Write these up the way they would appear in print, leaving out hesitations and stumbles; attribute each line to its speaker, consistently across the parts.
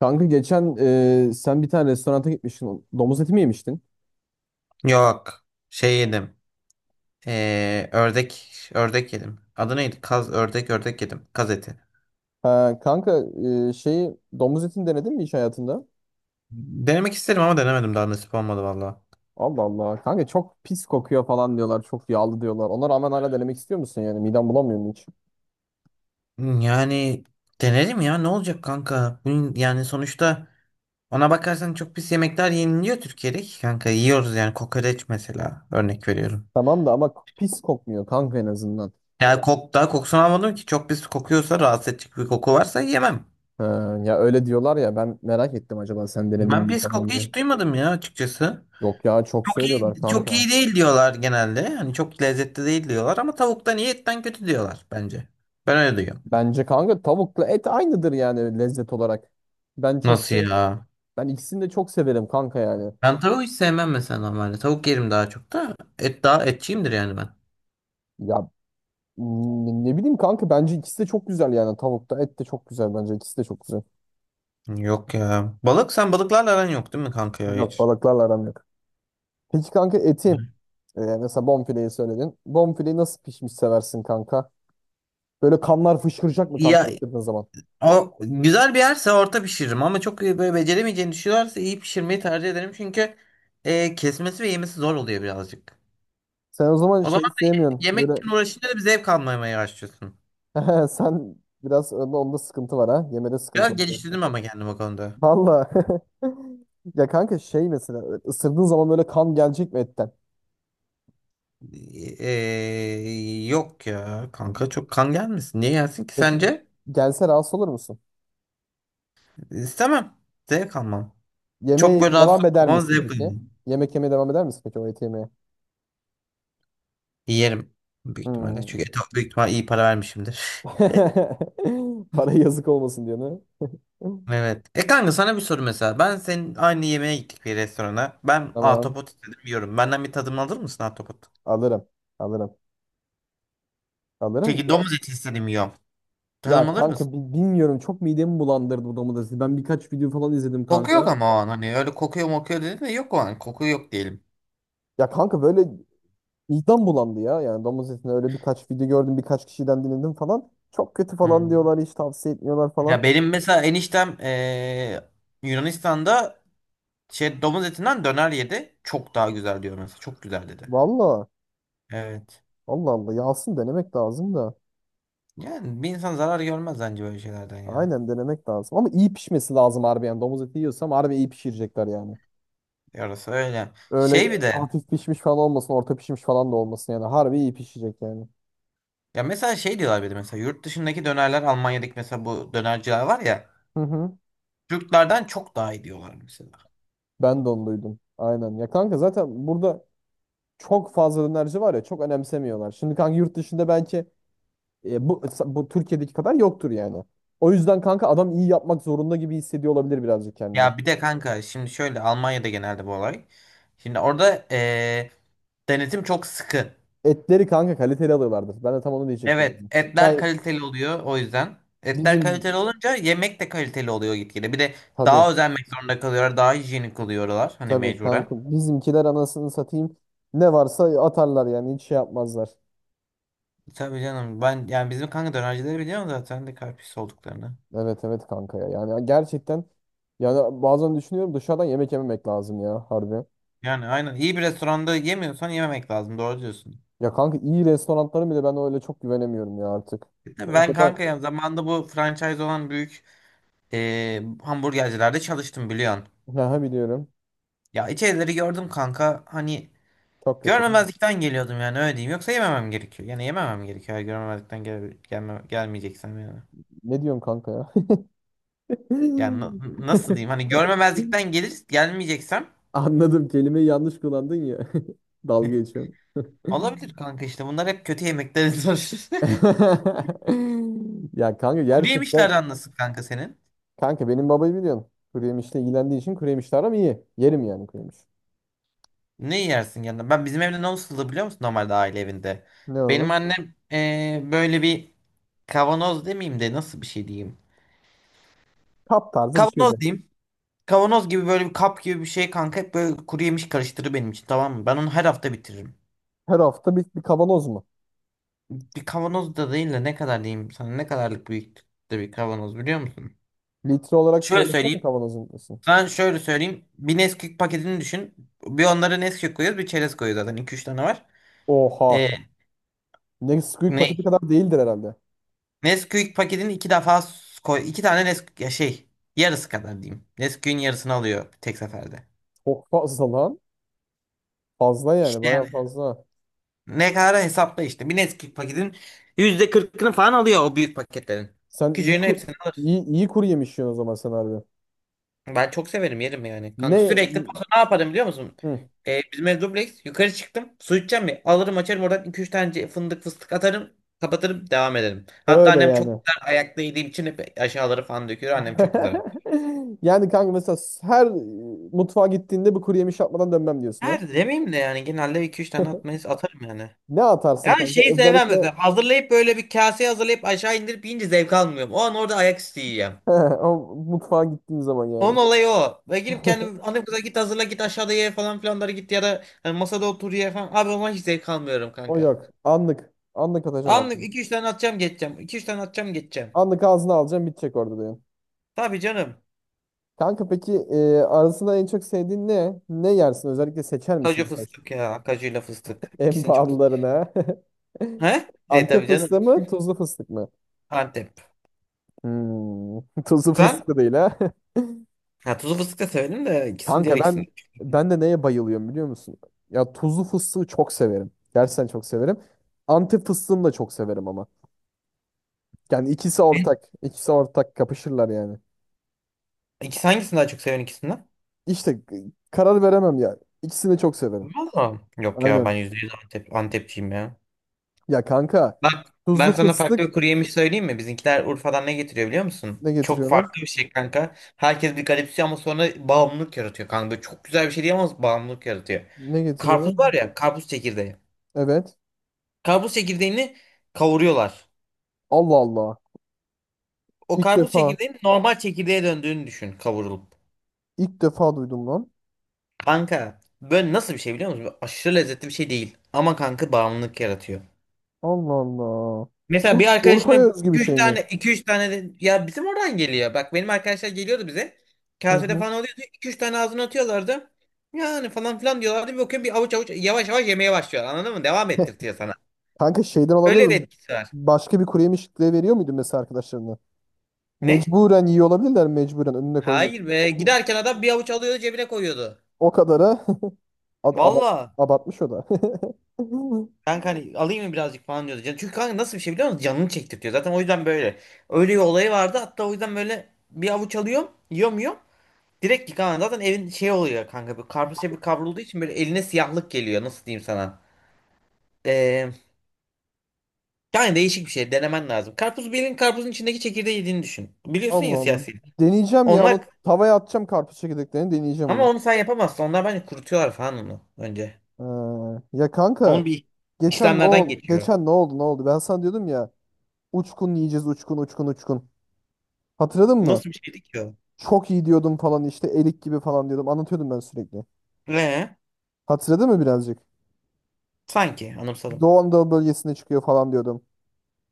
Speaker 1: Kanka geçen sen bir tane restoranta gitmiştin. Domuz eti mi yemiştin?
Speaker 2: Yok. Şey yedim. Ördek yedim. Adı neydi? Kaz ördek yedim. Kaz eti.
Speaker 1: Ha, kanka şeyi domuz etini denedin mi hiç hayatında?
Speaker 2: Denemek isterim ama denemedim daha nasip olmadı valla.
Speaker 1: Allah Allah. Kanka çok pis kokuyor falan diyorlar. Çok yağlı diyorlar. Ona rağmen hala denemek istiyor musun yani? Miden bulamıyor mu hiç?
Speaker 2: Yani denerim ya ne olacak kanka? Yani sonuçta ona bakarsan çok pis yemekler yeniliyor Türkiye'de ki kanka. Yiyoruz yani kokoreç mesela örnek veriyorum.
Speaker 1: Tamam da ama pis kokmuyor kanka en azından.
Speaker 2: Yani daha kokusunu almadım ki çok pis kokuyorsa rahatsız edecek bir koku varsa yemem.
Speaker 1: Ha, ya öyle diyorlar ya ben merak ettim acaba sen denedin
Speaker 2: Ben
Speaker 1: mi
Speaker 2: pis koku
Speaker 1: falan diye.
Speaker 2: hiç duymadım ya açıkçası.
Speaker 1: Yok ya çok söylüyorlar
Speaker 2: Çok
Speaker 1: kanka.
Speaker 2: iyi değil diyorlar genelde. Hani çok lezzetli değil diyorlar ama tavuktan iyi etten kötü diyorlar bence. Ben öyle diyorum.
Speaker 1: Bence kanka tavukla et aynıdır yani lezzet olarak. Ben çok
Speaker 2: Nasıl
Speaker 1: şey
Speaker 2: ya?
Speaker 1: ben ikisini de çok severim kanka yani.
Speaker 2: Ben tavuğu hiç sevmem mesela normalde. Tavuk yerim daha çok da. Et daha etçiyimdir yani ben.
Speaker 1: Ya ne bileyim kanka bence ikisi de çok güzel yani tavuk da et de çok güzel bence ikisi de çok güzel.
Speaker 2: Yok ya. Balık sen balıklarla aran yok değil mi kanka ya
Speaker 1: Yok
Speaker 2: hiç?
Speaker 1: balıklarla aram yok. Peki kanka mesela bonfileyi söyledin. Bonfileyi nasıl pişmiş seversin kanka? Böyle kanlar fışkıracak mı kanka
Speaker 2: Ya
Speaker 1: ısırdığın zaman?
Speaker 2: o güzel bir yerse orta pişiririm ama çok iyi böyle beceremeyeceğini düşünüyorlarsa iyi pişirmeyi tercih ederim çünkü kesmesi ve yemesi zor oluyor birazcık.
Speaker 1: Sen o zaman
Speaker 2: O
Speaker 1: şey
Speaker 2: zaman
Speaker 1: sevmiyorsun.
Speaker 2: yemek
Speaker 1: Böyle
Speaker 2: için uğraşınca da bir zevk almamaya başlıyorsun.
Speaker 1: sen biraz onda sıkıntı var ha. Yemede sıkıntı
Speaker 2: Biraz
Speaker 1: var.
Speaker 2: geliştirdim ama kendim o konuda.
Speaker 1: Valla. Ya kanka şey mesela ısırdığın zaman böyle kan gelecek mi etten?
Speaker 2: Yok ya kanka çok kan gelmesin. Niye gelsin ki
Speaker 1: Peki
Speaker 2: sence?
Speaker 1: gelse rahatsız olur musun?
Speaker 2: İstemem. Zevk almam. Çok
Speaker 1: Yemeğe
Speaker 2: böyle rahatsız
Speaker 1: devam eder
Speaker 2: olmam
Speaker 1: misin
Speaker 2: zevk
Speaker 1: peki?
Speaker 2: almam.
Speaker 1: Yemek yemeye devam eder misin peki o eti yemeye?
Speaker 2: Yerim. Büyük ihtimalle.
Speaker 1: Hmm.
Speaker 2: Çünkü et büyük ihtimalle iyi para vermişimdir.
Speaker 1: Para yazık olmasın diyor ne?
Speaker 2: Evet. E kanka sana bir soru mesela. Ben senin aynı yemeğe gittik bir restorana. Ben
Speaker 1: Tamam.
Speaker 2: ahtapot istedim yiyorum. Benden bir tadım alır mısın ahtapot?
Speaker 1: Alırım. Alırım. Alırım.
Speaker 2: Peki
Speaker 1: Ya.
Speaker 2: domuz eti istedim yiyorum. Tadım
Speaker 1: Ya
Speaker 2: alır
Speaker 1: kanka
Speaker 2: mısın?
Speaker 1: bilmiyorum, çok midemi bulandırdı bu domates. Ben birkaç video falan izledim
Speaker 2: Koku yok
Speaker 1: kanka.
Speaker 2: ama o an hani öyle kokuyor mokuyor dedin de yok o an. Koku yok diyelim.
Speaker 1: Ya kanka böyle vicdan bulandı ya. Yani domuz etini öyle birkaç video gördüm, birkaç kişiden dinledim falan. Çok kötü falan
Speaker 2: Hmm.
Speaker 1: diyorlar, hiç tavsiye etmiyorlar falan.
Speaker 2: Ya benim mesela eniştem Yunanistan'da şey domuz etinden döner yedi. Çok daha güzel diyor mesela. Çok güzel dedi.
Speaker 1: Valla,
Speaker 2: Evet.
Speaker 1: Allah Allah. Yağsın denemek lazım da.
Speaker 2: Yani bir insan zarar görmez bence böyle şeylerden ya.
Speaker 1: Aynen denemek lazım. Ama iyi pişmesi lazım harbi yani. Domuz eti yiyorsam harbi iyi pişirecekler yani.
Speaker 2: Yarası öyle.
Speaker 1: Öyle
Speaker 2: Şey bir de
Speaker 1: hafif pişmiş falan olmasın, orta pişmiş falan da olmasın yani. Harbi iyi pişecek yani.
Speaker 2: ya mesela şey diyorlar bir de mesela yurt dışındaki dönerler Almanya'daki mesela bu dönerciler var ya
Speaker 1: Hı hı.
Speaker 2: Türklerden çok daha iyi diyorlar mesela.
Speaker 1: Ben de onu duydum. Aynen. Ya kanka zaten burada çok fazla dönerci var ya, çok önemsemiyorlar. Şimdi kanka yurt dışında belki bu Türkiye'deki kadar yoktur yani. O yüzden kanka adam iyi yapmak zorunda gibi hissediyor olabilir birazcık kendini.
Speaker 2: Ya bir de kanka şimdi şöyle Almanya'da genelde bu olay. Şimdi orada denetim çok sıkı.
Speaker 1: Etleri kanka kaliteli alıyorlardır. Ben de tam onu diyecektim.
Speaker 2: Evet, etler
Speaker 1: Yani
Speaker 2: kaliteli oluyor o yüzden. Etler kaliteli
Speaker 1: bizim
Speaker 2: olunca yemek de kaliteli oluyor gitgide. Bir de
Speaker 1: tabii
Speaker 2: daha özenmek zorunda kalıyorlar, daha hijyenik oluyorlar hani
Speaker 1: tabii
Speaker 2: mecburen.
Speaker 1: kanka bizimkiler, anasını satayım, ne varsa atarlar yani, hiç şey yapmazlar.
Speaker 2: Tabii canım ben yani bizim kanka dönercileri biliyorum zaten de kalp pis olduklarını.
Speaker 1: Evet evet kanka ya. Yani gerçekten, yani bazen düşünüyorum dışarıdan yemek yememek lazım ya harbi.
Speaker 2: Yani aynen iyi bir restoranda yemiyorsan yememek lazım doğru diyorsun.
Speaker 1: Ya kanka iyi restoranların bile ben öyle çok güvenemiyorum ya artık. O
Speaker 2: Ben
Speaker 1: kadar
Speaker 2: kanka ya zamanında bu franchise olan büyük hamburgercilerde çalıştım biliyorsun.
Speaker 1: ha, biliyorum.
Speaker 2: Ya içerileri gördüm kanka hani
Speaker 1: Çok kötü.
Speaker 2: görmemezlikten geliyordum yani öyle diyeyim. Yoksa yememem gerekiyor. Yani yememem gerekiyor. Eğer görmemezlikten gelmeyeceksem yani.
Speaker 1: Ne diyorum kanka ya?
Speaker 2: Yani nasıl diyeyim? Hani görmemezlikten gelmeyeceksem
Speaker 1: Anladım. Kelimeyi yanlış kullandın ya. Dalga geçiyorum.
Speaker 2: olabilir kanka işte. Bunlar hep kötü yemeklerin sonuçları.
Speaker 1: Ya kanka
Speaker 2: Kuru
Speaker 1: gerçekten,
Speaker 2: yemişlerden nasıl kanka senin?
Speaker 1: kanka benim babayı biliyorsun. Kuru yemişle ilgilendiği için kuru yemişle aram iyi. Yerim yani kuru yemiş.
Speaker 2: Ne yersin yanında? Ben bizim evde ne olurdu biliyor musun? Normalde aile evinde.
Speaker 1: Ne
Speaker 2: Benim
Speaker 1: olur?
Speaker 2: annem böyle bir kavanoz demeyeyim de nasıl bir şey diyeyim.
Speaker 1: Kap tarzı bir
Speaker 2: Kavanoz
Speaker 1: şeydi.
Speaker 2: diyeyim. Kavanoz gibi böyle bir kap gibi bir şey kanka hep böyle kuru yemiş karıştırır benim için, tamam mı? Ben onu her hafta bitiririm.
Speaker 1: Her hafta bir kavanoz mu?
Speaker 2: Bir kavanoz da değil de ne kadar diyeyim sana, ne kadarlık büyüklükte bir kavanoz biliyor musun?
Speaker 1: Litre olarak
Speaker 2: Şöyle
Speaker 1: söylesene,
Speaker 2: söyleyeyim.
Speaker 1: kavanozun nasıl?
Speaker 2: Sana şöyle söyleyeyim. Bir Nesquik paketini düşün. Bir onlara Nesquik koyuyoruz bir çerez koyuyoruz zaten. İki üç tane var.
Speaker 1: Oha.
Speaker 2: Ee,
Speaker 1: Ne squeak
Speaker 2: ne?
Speaker 1: paketi kadar değildir herhalde.
Speaker 2: Nesquik paketini iki defa koy. İki tane Nesquik ya şey yarısı kadar diyeyim. Nesquik'in yarısını alıyor tek seferde.
Speaker 1: Çok fazla lan. Fazla yani,
Speaker 2: İşte
Speaker 1: bayağı
Speaker 2: yani
Speaker 1: fazla.
Speaker 2: ne kadar hesapla işte. Bir Nesquik paketin %40'ını falan alıyor o büyük paketlerin.
Speaker 1: Sen iyi
Speaker 2: Küçüğünü
Speaker 1: ku-
Speaker 2: hepsini alır.
Speaker 1: iyi, iyi kuru yemiş yiyorsun o zaman sen harbi.
Speaker 2: Ben çok severim yerim yani. Kanka
Speaker 1: Ne
Speaker 2: sürekli paso ne yaparım biliyor musun?
Speaker 1: Hı,
Speaker 2: Bizim ev dubleks. Yukarı çıktım. Su içeceğim mi? Alırım açarım oradan iki üç tane fındık fıstık atarım. Kapatırım devam ederim. Hatta
Speaker 1: öyle
Speaker 2: annem çok
Speaker 1: yani.
Speaker 2: güzel ayakta yediğim için hep aşağıları falan döküyor. Annem çok güzel.
Speaker 1: Yani kanka mesela her mutfağa gittiğinde bir kuru yemiş yapmadan dönmem diyorsun
Speaker 2: Her
Speaker 1: ha.
Speaker 2: demeyeyim de yani genelde iki üç tane atmayı atarım yani.
Speaker 1: Ne atarsın
Speaker 2: Yani
Speaker 1: kanka?
Speaker 2: şeyi sevmem
Speaker 1: Özellikle
Speaker 2: mesela hazırlayıp böyle bir kaseye hazırlayıp aşağı indirip yiyince zevk almıyorum. O an orada ayak üstü yiyeceğim.
Speaker 1: o mutfağa gittiğin zaman
Speaker 2: Onun
Speaker 1: yani.
Speaker 2: olayı o. Ve girip kendim annem kıza git hazırla git aşağıda ye falan filanları git ya da hani masada otur ye falan. Abi ama hiç zevk almıyorum
Speaker 1: O
Speaker 2: kanka.
Speaker 1: yok. Anlık. Anlık atacaksın
Speaker 2: Anlık
Speaker 1: abi.
Speaker 2: iki üç tane atacağım geçeceğim. 2 üç tane atacağım geçeceğim.
Speaker 1: Anlık ağzına alacaksın, bitecek orada diyorsun.
Speaker 2: Tabii canım.
Speaker 1: Kanka peki arasında en çok sevdiğin ne? Ne yersin? Özellikle seçer misin
Speaker 2: Kaju
Speaker 1: mesela?
Speaker 2: fıstık ya. Kajuyla fıstık.
Speaker 1: En
Speaker 2: İkisini çok.
Speaker 1: pahalılarına.
Speaker 2: He? E
Speaker 1: Antep
Speaker 2: tabii canım.
Speaker 1: fıstığı mı? Tuzlu fıstık mı?
Speaker 2: Antep.
Speaker 1: Hmm, tuzlu
Speaker 2: Sen?
Speaker 1: fıstık da değil ha.
Speaker 2: Ha, tuzlu fıstık da severim de ikisini diğer
Speaker 1: Kanka ben
Speaker 2: ikisini de çok severim.
Speaker 1: ben de neye bayılıyorum biliyor musun? Ya tuzlu fıstığı çok severim. Gerçekten çok severim. Antep fıstığını da çok severim ama. Yani ikisi
Speaker 2: Hı?
Speaker 1: ortak. İkisi ortak, kapışırlar yani.
Speaker 2: İkisi hangisini daha çok seviyorsun ikisinden?
Speaker 1: İşte karar veremem ya. İkisini de çok severim.
Speaker 2: Valla. Yok ya ben
Speaker 1: Aynen.
Speaker 2: %100 Antepçiyim ya.
Speaker 1: Ya kanka
Speaker 2: Bak
Speaker 1: tuzlu
Speaker 2: ben sana farklı
Speaker 1: fıstık,
Speaker 2: bir kuru yemiş söyleyeyim mi? Bizimkiler Urfa'dan ne getiriyor biliyor musun?
Speaker 1: ne
Speaker 2: Çok
Speaker 1: getiriyorlar?
Speaker 2: farklı bir şey kanka. Herkes bir garipsiyor ama sonra bağımlılık yaratıyor kanka. Böyle çok güzel bir şey değil ama bağımlılık yaratıyor.
Speaker 1: Ne getiriyorlar?
Speaker 2: Karpuz var ya, karpuz çekirdeği.
Speaker 1: Evet.
Speaker 2: Karpuz çekirdeğini kavuruyorlar.
Speaker 1: Allah Allah.
Speaker 2: O
Speaker 1: İlk
Speaker 2: karpuz
Speaker 1: defa
Speaker 2: çekirdeğinin normal çekirdeğe döndüğünü düşün kavurulup.
Speaker 1: ilk defa duydum lan.
Speaker 2: Kanka böyle nasıl bir şey biliyor musun? Böyle aşırı lezzetli bir şey değil. Ama kanka bağımlılık yaratıyor.
Speaker 1: Allah Allah.
Speaker 2: Mesela bir arkadaşıma
Speaker 1: Urfa'ya özgü bir
Speaker 2: 2-3
Speaker 1: şey mi?
Speaker 2: tane 2-3 tane de, ya bizim oradan geliyor. Bak benim arkadaşlar geliyordu bize.
Speaker 1: Hı
Speaker 2: Kasede
Speaker 1: hı.
Speaker 2: falan oluyordu. 2-3 tane ağzına atıyorlardı. Yani falan filan diyorlardı. Bir bakıyorum bir avuç avuç yavaş yavaş yemeye başlıyor. Anladın mı? Devam ettirtiyor sana.
Speaker 1: Kanka şeyden olabilir
Speaker 2: Öyle bir
Speaker 1: mi?
Speaker 2: etkisi var.
Speaker 1: Başka bir kuru yemişliğe veriyor muydun mesela arkadaşlarına?
Speaker 2: Ne?
Speaker 1: Mecburen yiyor olabilirler, mecburen önüne koymuş.
Speaker 2: Hayır be. Giderken adam bir avuç alıyordu cebine koyuyordu.
Speaker 1: O kadara ad- aba-
Speaker 2: Valla.
Speaker 1: abartmış o da.
Speaker 2: Kanka hani alayım mı birazcık falan diyordu. Çünkü kanka nasıl bir şey biliyor musun? Canını çektirtiyor. Zaten o yüzden böyle. Öyle bir olayı vardı. Hatta o yüzden böyle bir avuç alıyorum. Yiyorum yiyorum. Direkt yıkanan zaten evin şey oluyor kanka. Bir karpuz şey bir kavrulduğu için böyle eline siyahlık geliyor. Nasıl diyeyim sana? Ee, yani değişik bir şey. Denemen lazım. Karpuz bir elin karpuzun içindeki çekirdeği yediğini düşün. Biliyorsun
Speaker 1: Allah
Speaker 2: ya siyah
Speaker 1: Allah.
Speaker 2: silik.
Speaker 1: Deneyeceğim ya,
Speaker 2: Onlar
Speaker 1: onu tavaya atacağım karpuz çekirdeklerini, deneyeceğim
Speaker 2: ama
Speaker 1: onu.
Speaker 2: onu sen yapamazsın. Onlar bence kurutuyorlar falan onu önce.
Speaker 1: Ya kanka,
Speaker 2: Onun bir
Speaker 1: geçen ne
Speaker 2: işlemlerden
Speaker 1: oldu?
Speaker 2: geçiyor.
Speaker 1: Geçen ne oldu? Ne oldu? Ben sana diyordum ya, uçkun yiyeceğiz uçkun uçkun uçkun. Hatırladın mı?
Speaker 2: Nasıl bir şeydi ki o?
Speaker 1: Çok iyi diyordum falan, işte erik gibi falan diyordum. Anlatıyordum ben sürekli.
Speaker 2: Ee,
Speaker 1: Hatırladın mı birazcık?
Speaker 2: sanki anımsadım.
Speaker 1: Doğu Anadolu bölgesinde çıkıyor falan diyordum.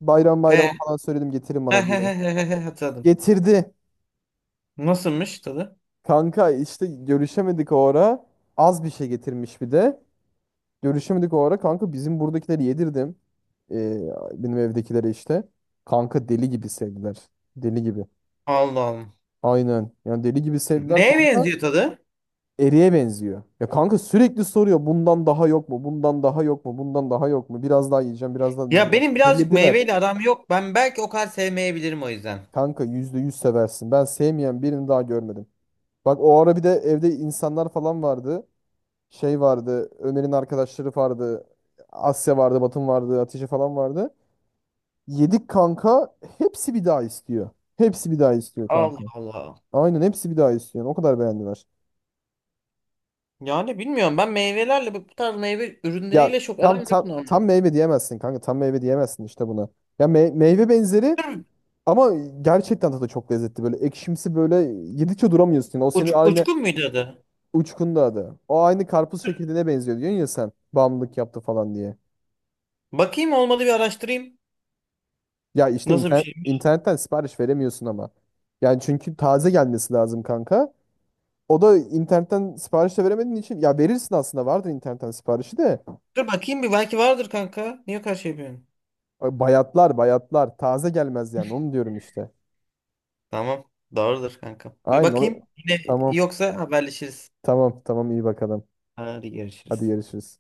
Speaker 1: Bayram bayrama
Speaker 2: Ee,
Speaker 1: falan söyledim getirin bana diye.
Speaker 2: hatırladım.
Speaker 1: Getirdi.
Speaker 2: Nasılmış tadı?
Speaker 1: Kanka işte görüşemedik o ara. Az bir şey getirmiş bir de. Görüşemedik o ara. Kanka bizim buradakileri yedirdim. Ee, benim evdekileri işte. Kanka deli gibi sevdiler. Deli gibi.
Speaker 2: Allah Allah.
Speaker 1: Aynen. Yani deli gibi sevdiler
Speaker 2: Neye
Speaker 1: kanka.
Speaker 2: benziyor tadı?
Speaker 1: Eriye benziyor. Ya kanka sürekli soruyor. Bundan daha yok mu? Bundan daha yok mu? Bundan daha yok mu? Biraz daha yiyeceğim. Biraz daha
Speaker 2: Ya
Speaker 1: yiyeceğim.
Speaker 2: benim birazcık
Speaker 1: Delirdiler.
Speaker 2: meyveyle aram yok. Ben belki o kadar sevmeyebilirim o yüzden.
Speaker 1: Kanka 100% seversin. Ben sevmeyen birini daha görmedim. Bak o ara bir de evde insanlar falan vardı. Şey vardı, Ömer'in arkadaşları vardı. Asya vardı, Batın vardı, Hatice falan vardı. Yedik kanka. Hepsi bir daha istiyor. Hepsi bir daha istiyor kanka.
Speaker 2: Allah Allah.
Speaker 1: Aynen, hepsi bir daha istiyor. O kadar beğendiler.
Speaker 2: Yani bilmiyorum ben meyvelerle bu tarz meyve
Speaker 1: Ya
Speaker 2: ürünleriyle çok
Speaker 1: tam
Speaker 2: aram yok
Speaker 1: tam, tam
Speaker 2: normalde.
Speaker 1: meyve diyemezsin kanka. Tam meyve diyemezsin işte buna. Ya meyve benzeri,
Speaker 2: Dur,
Speaker 1: ama gerçekten tadı çok lezzetli. Böyle ekşimsi, böyle yedikçe duramıyorsun. O senin aynı
Speaker 2: uçkun muydu adı?
Speaker 1: uçkunda adı. O aynı karpuz çekirdeğine benziyor diyorsun ya sen. Bağımlılık yaptı falan diye.
Speaker 2: Bakayım olmadı bir araştırayım.
Speaker 1: Ya işte
Speaker 2: Nasıl bir
Speaker 1: internet,
Speaker 2: şeymiş?
Speaker 1: internetten sipariş veremiyorsun ama. Yani çünkü taze gelmesi lazım kanka. O da internetten sipariş de veremediğin için, ya verirsin aslında, vardır internetten siparişi de,
Speaker 2: Dur bakayım bir belki vardır kanka. Niye karşı yapıyorsun?
Speaker 1: bayatlar bayatlar, taze gelmez yani, onu diyorum işte.
Speaker 2: Tamam. Doğrudur kanka. Bir
Speaker 1: Aynen.
Speaker 2: bakayım. Yine
Speaker 1: Tamam,
Speaker 2: yoksa haberleşiriz.
Speaker 1: tamam, tamam, iyi bakalım.
Speaker 2: Hadi
Speaker 1: Hadi
Speaker 2: görüşürüz.
Speaker 1: görüşürüz.